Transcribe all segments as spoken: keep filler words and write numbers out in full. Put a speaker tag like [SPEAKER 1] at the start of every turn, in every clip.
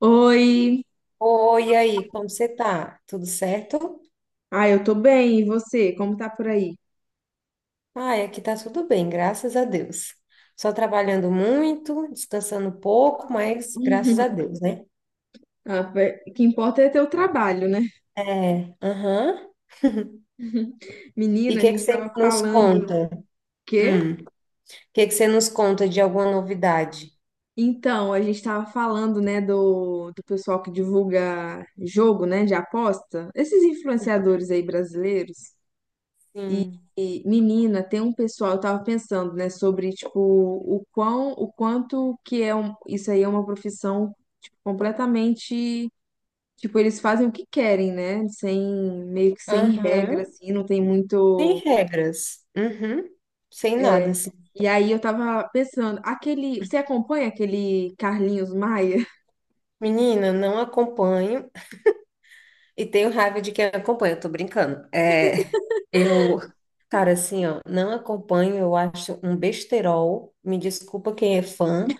[SPEAKER 1] Oi,
[SPEAKER 2] Oi, e aí, como você tá? Tudo certo?
[SPEAKER 1] ah, eu tô bem, e você? Como tá por aí?
[SPEAKER 2] Ai, aqui tá tudo bem, graças a Deus. Só trabalhando muito, descansando pouco, mas graças a Deus, né?
[SPEAKER 1] Ah, pe- o que importa é ter o trabalho, né?
[SPEAKER 2] É, aham. E o
[SPEAKER 1] Menina, a
[SPEAKER 2] que que
[SPEAKER 1] gente
[SPEAKER 2] você
[SPEAKER 1] tava
[SPEAKER 2] nos
[SPEAKER 1] falando.
[SPEAKER 2] conta?
[SPEAKER 1] Quê?
[SPEAKER 2] Hum, o que que você nos conta de alguma novidade?
[SPEAKER 1] Então, a gente tava falando, né, do, do pessoal que divulga jogo, né, de aposta. Esses influenciadores aí brasileiros. E,
[SPEAKER 2] Sim.
[SPEAKER 1] e, menina, tem um pessoal, eu tava pensando, né, sobre, tipo, o quão, o quanto que é um, isso aí é uma profissão, tipo, completamente. Tipo, eles fazem o que querem, né? Sem, meio que sem regra,
[SPEAKER 2] Aham.
[SPEAKER 1] assim, não tem
[SPEAKER 2] Sem
[SPEAKER 1] muito.
[SPEAKER 2] regras. Uhum. Sem nada,
[SPEAKER 1] É.
[SPEAKER 2] assim.
[SPEAKER 1] E aí eu tava pensando, aquele. Você acompanha aquele Carlinhos Maia?
[SPEAKER 2] Menina, não acompanho. E tenho raiva de quem acompanha, eu tô brincando. É, eu, cara, assim, ó, não acompanho, eu acho um besterol. Me desculpa quem é fã,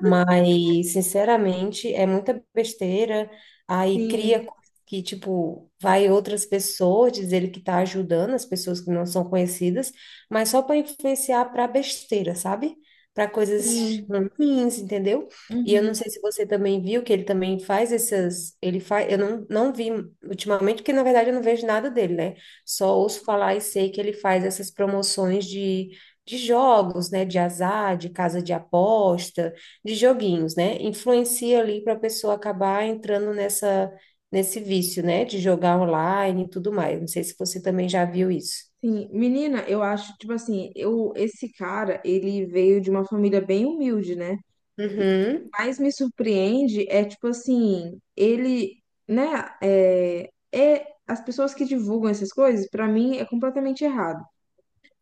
[SPEAKER 2] mas, sinceramente, é muita besteira. Aí
[SPEAKER 1] Sim,
[SPEAKER 2] cria coisa que, tipo, vai outras pessoas diz ele que tá ajudando as pessoas que não são conhecidas, mas só para influenciar para besteira, sabe? Para coisas
[SPEAKER 1] sim.
[SPEAKER 2] ruins, entendeu? E eu
[SPEAKER 1] Uhum.
[SPEAKER 2] não sei se você também viu que ele também faz essas. Ele faz. Eu não, não vi ultimamente, porque na verdade eu não vejo nada dele, né? Só ouço falar e sei que ele faz essas promoções de, de jogos, né? De azar, de casa de aposta, de joguinhos, né? Influencia ali para a pessoa acabar entrando nessa, nesse vício, né? De jogar online e tudo mais. Não sei se você também já viu isso.
[SPEAKER 1] Sim. Menina, eu acho, tipo assim, eu, esse cara, ele veio de uma família bem humilde, né? O
[SPEAKER 2] Uhum,
[SPEAKER 1] que mais me surpreende é, tipo assim, ele, né? É, é, as pessoas que divulgam essas coisas, pra mim, é completamente errado.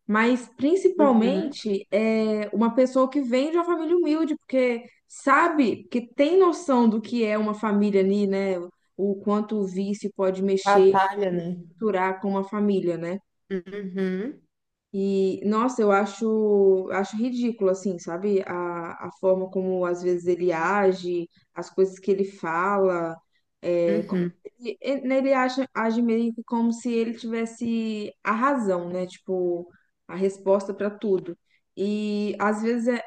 [SPEAKER 1] Mas
[SPEAKER 2] uhum.
[SPEAKER 1] principalmente é uma pessoa que vem de uma família humilde, porque sabe que tem noção do que é uma família ali, né? O quanto o vício pode mexer,
[SPEAKER 2] Batalha, né?
[SPEAKER 1] estruturar com uma família, né?
[SPEAKER 2] Uhum,
[SPEAKER 1] E, nossa, eu acho, acho ridículo, assim, sabe? A, a forma como às vezes ele age, as coisas que ele fala. É, como
[SPEAKER 2] uhum.
[SPEAKER 1] ele, ele né, ele age, age meio que como se ele tivesse a razão, né? Tipo, a resposta para tudo. E às vezes é,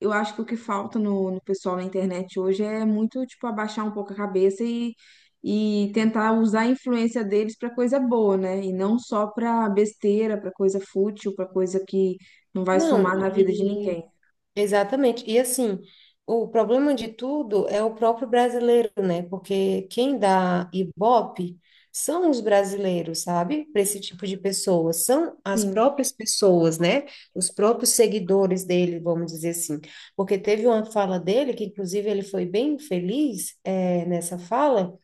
[SPEAKER 1] eu acho que o que falta no, no pessoal na internet hoje é muito, tipo, abaixar um pouco a cabeça e tentar usar a influência deles para coisa boa, né? E não só para besteira, para coisa fútil, para coisa que não vai
[SPEAKER 2] Não,
[SPEAKER 1] somar na vida de
[SPEAKER 2] e
[SPEAKER 1] ninguém.
[SPEAKER 2] Exatamente. E assim, o problema de tudo é o próprio brasileiro, né? Porque quem dá Ibope são os brasileiros, sabe? Para esse tipo de pessoa, são as
[SPEAKER 1] Sim.
[SPEAKER 2] próprias pessoas, né? Os próprios seguidores dele, vamos dizer assim. Porque teve uma fala dele, que inclusive ele foi bem feliz, eh, nessa fala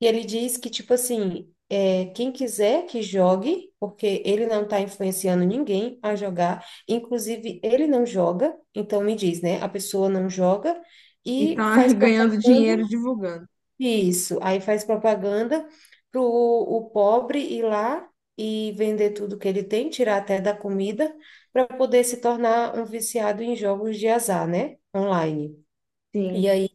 [SPEAKER 2] e ele diz que, tipo assim, é, quem quiser que jogue, porque ele não está influenciando ninguém a jogar, inclusive ele não joga, então me diz, né? A pessoa não joga
[SPEAKER 1] E
[SPEAKER 2] e
[SPEAKER 1] tá
[SPEAKER 2] faz
[SPEAKER 1] ganhando
[SPEAKER 2] propaganda,
[SPEAKER 1] dinheiro divulgando.
[SPEAKER 2] isso, aí faz propaganda pro o pobre ir lá e vender tudo que ele tem, tirar até da comida, para poder se tornar um viciado em jogos de azar, né? Online. E
[SPEAKER 1] Sim.
[SPEAKER 2] aí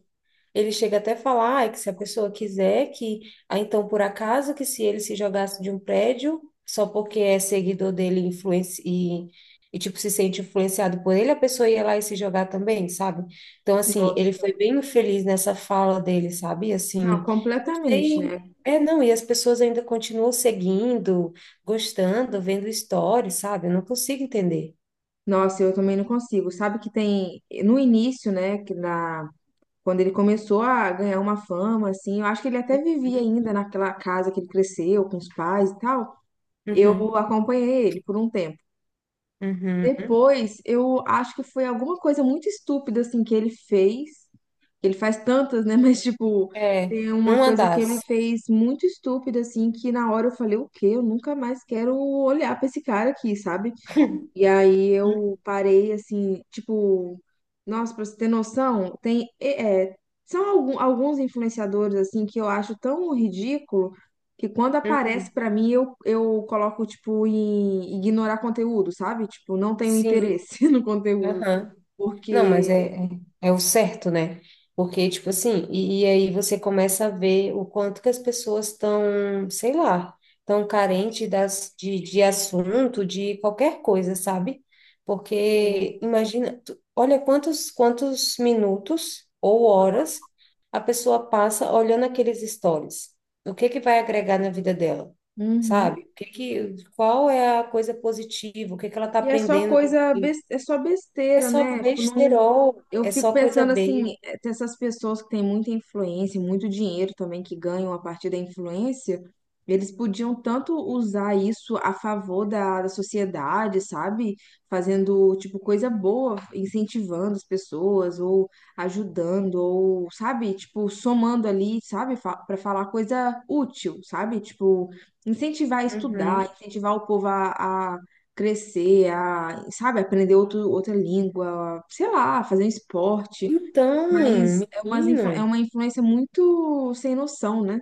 [SPEAKER 2] ele chega até a falar "Ai, que se a pessoa quiser que, ah, então por acaso que se ele se jogasse de um prédio, só porque é seguidor dele influenci- e, e tipo se sente influenciado por ele, a pessoa ia lá e se jogar também, sabe? Então assim, ele foi
[SPEAKER 1] Nossa.
[SPEAKER 2] bem infeliz nessa fala dele, sabe?
[SPEAKER 1] Não,
[SPEAKER 2] Assim, não
[SPEAKER 1] completamente,
[SPEAKER 2] sei,
[SPEAKER 1] né?
[SPEAKER 2] é não, e as pessoas ainda continuam seguindo, gostando, vendo stories, sabe? Eu não consigo entender.
[SPEAKER 1] Nossa, eu também não consigo. Sabe que tem no início, né, que na quando ele começou a ganhar uma fama assim, eu acho que ele até vivia ainda naquela casa que ele cresceu com os pais e tal.
[SPEAKER 2] Uhum,
[SPEAKER 1] Eu acompanhei ele por um tempo.
[SPEAKER 2] uhum, uhum.
[SPEAKER 1] Depois, eu acho que foi alguma coisa muito estúpida, assim, que ele fez. Ele faz tantas, né? Mas, tipo,
[SPEAKER 2] É,
[SPEAKER 1] tem uma
[SPEAKER 2] uma
[SPEAKER 1] coisa que ele
[SPEAKER 2] das.
[SPEAKER 1] fez muito estúpida, assim, que na hora eu falei, o quê? Eu nunca mais quero olhar pra esse cara aqui, sabe? E aí
[SPEAKER 2] Uhum.
[SPEAKER 1] eu parei assim, tipo, nossa, pra você ter noção, tem é, é, são algum- alguns influenciadores assim que eu acho tão ridículo que quando aparece
[SPEAKER 2] Uhum.
[SPEAKER 1] pra mim eu, eu coloco tipo em ignorar conteúdo, sabe? Tipo, não tenho
[SPEAKER 2] Sim.
[SPEAKER 1] interesse no conteúdo,
[SPEAKER 2] Aham. Não, mas é,
[SPEAKER 1] porque
[SPEAKER 2] é, é o certo, né? Porque, tipo assim, e, e aí você começa a ver o quanto que as pessoas estão, sei lá, estão carentes das, de, de assunto, de qualquer coisa, sabe?
[SPEAKER 1] sim.
[SPEAKER 2] Porque imagina, tu- olha quantos, quantos minutos ou horas a pessoa passa olhando aqueles stories. O que que vai agregar na vida dela?
[SPEAKER 1] Uhum.
[SPEAKER 2] Sabe? O que que, qual é a coisa positiva? O que que ela está
[SPEAKER 1] E é só
[SPEAKER 2] aprendendo?
[SPEAKER 1] coisa, bes- é só
[SPEAKER 2] É
[SPEAKER 1] besteira,
[SPEAKER 2] só
[SPEAKER 1] né? Tipo, não,
[SPEAKER 2] besterol,
[SPEAKER 1] eu
[SPEAKER 2] é
[SPEAKER 1] fico
[SPEAKER 2] só coisa
[SPEAKER 1] pensando assim,
[SPEAKER 2] besta.
[SPEAKER 1] eh, tem essas pessoas que têm muita influência, e muito dinheiro também que ganham a partir da influência, eles podiam tanto usar isso a favor da, da sociedade, sabe? Fazendo, tipo, coisa boa, incentivando as pessoas, ou ajudando, ou, sabe? Tipo, somando ali, sabe? Fa para falar coisa útil, sabe? Tipo, incentivar a estudar,
[SPEAKER 2] Uhum.
[SPEAKER 1] incentivar o povo a crescer, a, sabe, aprender outro, outra língua, sei lá, fazer um esporte.
[SPEAKER 2] Então,
[SPEAKER 1] Mas é, umas, influ- é
[SPEAKER 2] menino,
[SPEAKER 1] uma influência muito sem noção, né?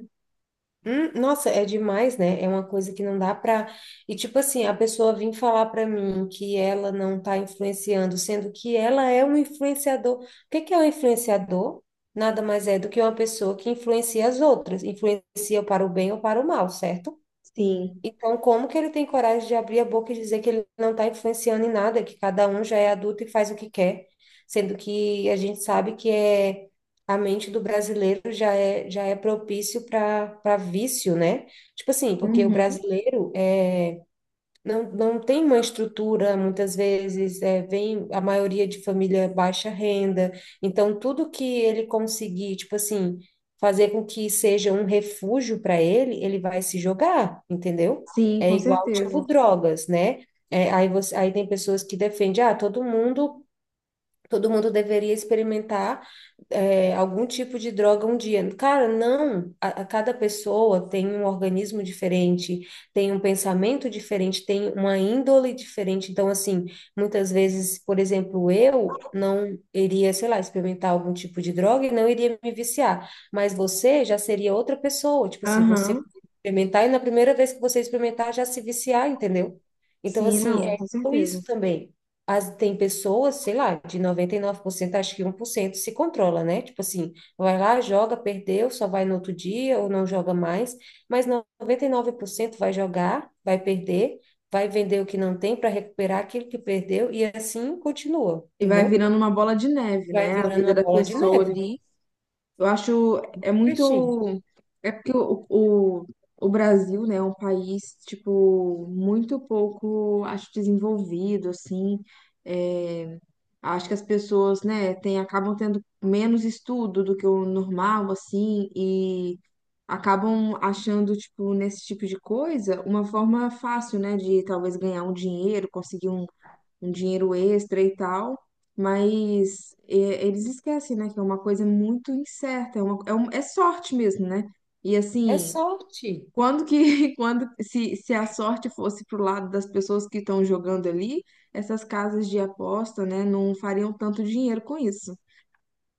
[SPEAKER 2] hum, nossa, é demais, né? É uma coisa que não dá pra. E tipo assim, a pessoa vir falar pra mim que ela não tá influenciando, sendo que ela é um influenciador. O que que é um influenciador? Nada mais é do que uma pessoa que influencia as outras, influencia para o bem ou para o mal, certo?
[SPEAKER 1] Sim.
[SPEAKER 2] Então, como que ele tem coragem de abrir a boca e dizer que ele não está influenciando em nada, que cada um já é adulto e faz o que quer, sendo que a gente sabe que é a mente do brasileiro já é já é propício para para vício, né? Tipo assim, porque o
[SPEAKER 1] Uhum.
[SPEAKER 2] brasileiro é não, não tem uma estrutura, muitas vezes, é, vem a maioria de família baixa renda, então tudo que ele conseguir, tipo assim, fazer com que seja um refúgio para ele, ele vai se jogar, entendeu?
[SPEAKER 1] Sim,
[SPEAKER 2] É
[SPEAKER 1] com
[SPEAKER 2] igual, tipo,
[SPEAKER 1] certeza.
[SPEAKER 2] drogas, né? É, aí, você, aí tem pessoas que defendem, ah, todo mundo Todo mundo deveria experimentar é, algum tipo de droga um dia. Cara, não. A, a cada pessoa tem um organismo diferente, tem um pensamento diferente, tem uma índole diferente. Então, assim, muitas vezes, por exemplo, eu não iria, sei lá, experimentar algum tipo de droga e não iria me viciar. Mas você já seria outra pessoa. Tipo assim, você
[SPEAKER 1] Aham.
[SPEAKER 2] experimentar e na primeira vez que você experimentar já se viciar, entendeu? Então,
[SPEAKER 1] Sim,
[SPEAKER 2] assim,
[SPEAKER 1] não,
[SPEAKER 2] é
[SPEAKER 1] com certeza.
[SPEAKER 2] isso também. As, tem pessoas, sei lá, de noventa e nove por cento, acho que um por cento se controla, né? Tipo assim, vai lá, joga, perdeu, só vai no outro dia ou não joga mais, mas noventa e nove por cento vai jogar, vai perder, vai vender o que não tem para recuperar aquilo que perdeu e assim continua,
[SPEAKER 1] E vai
[SPEAKER 2] entendeu?
[SPEAKER 1] virando uma bola de neve,
[SPEAKER 2] Vai
[SPEAKER 1] né? A
[SPEAKER 2] virando
[SPEAKER 1] vida
[SPEAKER 2] uma
[SPEAKER 1] da
[SPEAKER 2] bola de
[SPEAKER 1] pessoa
[SPEAKER 2] neve.
[SPEAKER 1] ali. Eu acho, é muito,
[SPEAKER 2] Presti,
[SPEAKER 1] é porque o, o, o Brasil, né, é um país, tipo, muito pouco, acho, desenvolvido, assim, é, acho que as pessoas, né, tem, acabam tendo menos estudo do que o normal, assim, e acabam achando, tipo, nesse tipo de coisa, uma forma fácil, né, de talvez ganhar um dinheiro, conseguir um um dinheiro extra e tal, mas é, eles esquecem, né, que é uma coisa muito incerta, é, uma, é, um- é sorte mesmo, né? E
[SPEAKER 2] é
[SPEAKER 1] assim,
[SPEAKER 2] sorte.
[SPEAKER 1] quando que, quando, se, se a sorte fosse pro lado das pessoas que estão jogando ali, essas casas de aposta, né, não fariam tanto dinheiro com isso.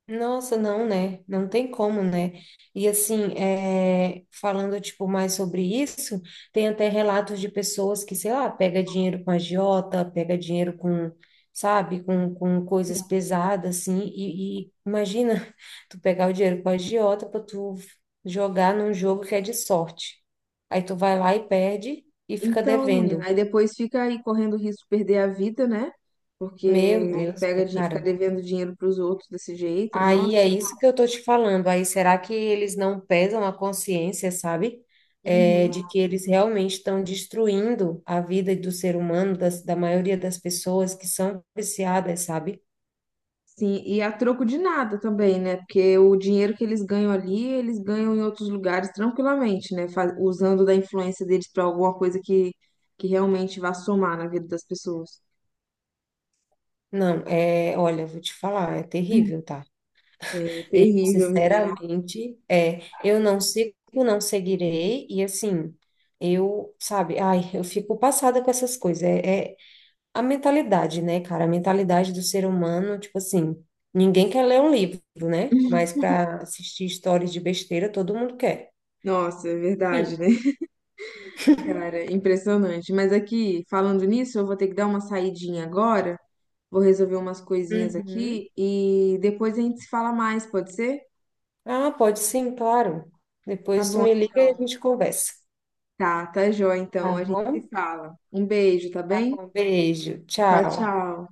[SPEAKER 2] Nossa, não, né? Não tem como, né? E assim, é, falando tipo mais sobre isso, tem até relatos de pessoas que, sei lá, pega dinheiro com agiota, pega dinheiro com, sabe, com, com coisas pesadas, assim, e, e imagina tu pegar o dinheiro com agiota pra tu jogar num jogo que é de sorte. Aí tu vai lá e perde e fica
[SPEAKER 1] Então,
[SPEAKER 2] devendo.
[SPEAKER 1] menina, aí depois fica aí correndo o risco de perder a vida, né?
[SPEAKER 2] Meu
[SPEAKER 1] Porque
[SPEAKER 2] Deus,
[SPEAKER 1] pega,
[SPEAKER 2] né,
[SPEAKER 1] din- fica
[SPEAKER 2] cara?
[SPEAKER 1] devendo dinheiro pros outros desse jeito.
[SPEAKER 2] Aí é
[SPEAKER 1] Nossa.
[SPEAKER 2] isso que eu tô te falando. Aí será que eles não pesam a consciência, sabe? É,
[SPEAKER 1] Uhum.
[SPEAKER 2] de que eles realmente estão destruindo a vida do ser humano, das, da maioria das pessoas que são viciadas, sabe?
[SPEAKER 1] Sim, e a troco de nada também, né? Porque o dinheiro que eles ganham ali, eles ganham em outros lugares tranquilamente, né? Fa- Usando da influência deles para alguma coisa que, que realmente vá somar na vida das pessoas.
[SPEAKER 2] Não, é, olha, vou te falar, é terrível, tá?
[SPEAKER 1] É
[SPEAKER 2] Eu,
[SPEAKER 1] terrível, menina.
[SPEAKER 2] sinceramente, é, eu não sigo, não seguirei, e assim, eu, sabe, ai, eu fico passada com essas coisas. É. é A mentalidade, né, cara? A mentalidade do ser humano, tipo assim, ninguém quer ler um livro, né? Mas para assistir histórias de besteira, todo mundo quer.
[SPEAKER 1] Nossa, é
[SPEAKER 2] Enfim.
[SPEAKER 1] verdade, né? Cara, impressionante. Mas aqui, falando nisso, eu vou ter que dar uma saidinha agora. Vou resolver umas coisinhas
[SPEAKER 2] Uhum.
[SPEAKER 1] aqui e depois a gente se fala mais, pode ser?
[SPEAKER 2] Ah, pode sim, claro.
[SPEAKER 1] Tá
[SPEAKER 2] Depois tu
[SPEAKER 1] bom,
[SPEAKER 2] me liga e a gente conversa.
[SPEAKER 1] tá, tá jóia
[SPEAKER 2] Tá
[SPEAKER 1] então. A gente se
[SPEAKER 2] bom?
[SPEAKER 1] fala. Um beijo, tá bem?
[SPEAKER 2] Um beijo.
[SPEAKER 1] Tchau,
[SPEAKER 2] Tchau.
[SPEAKER 1] tchau.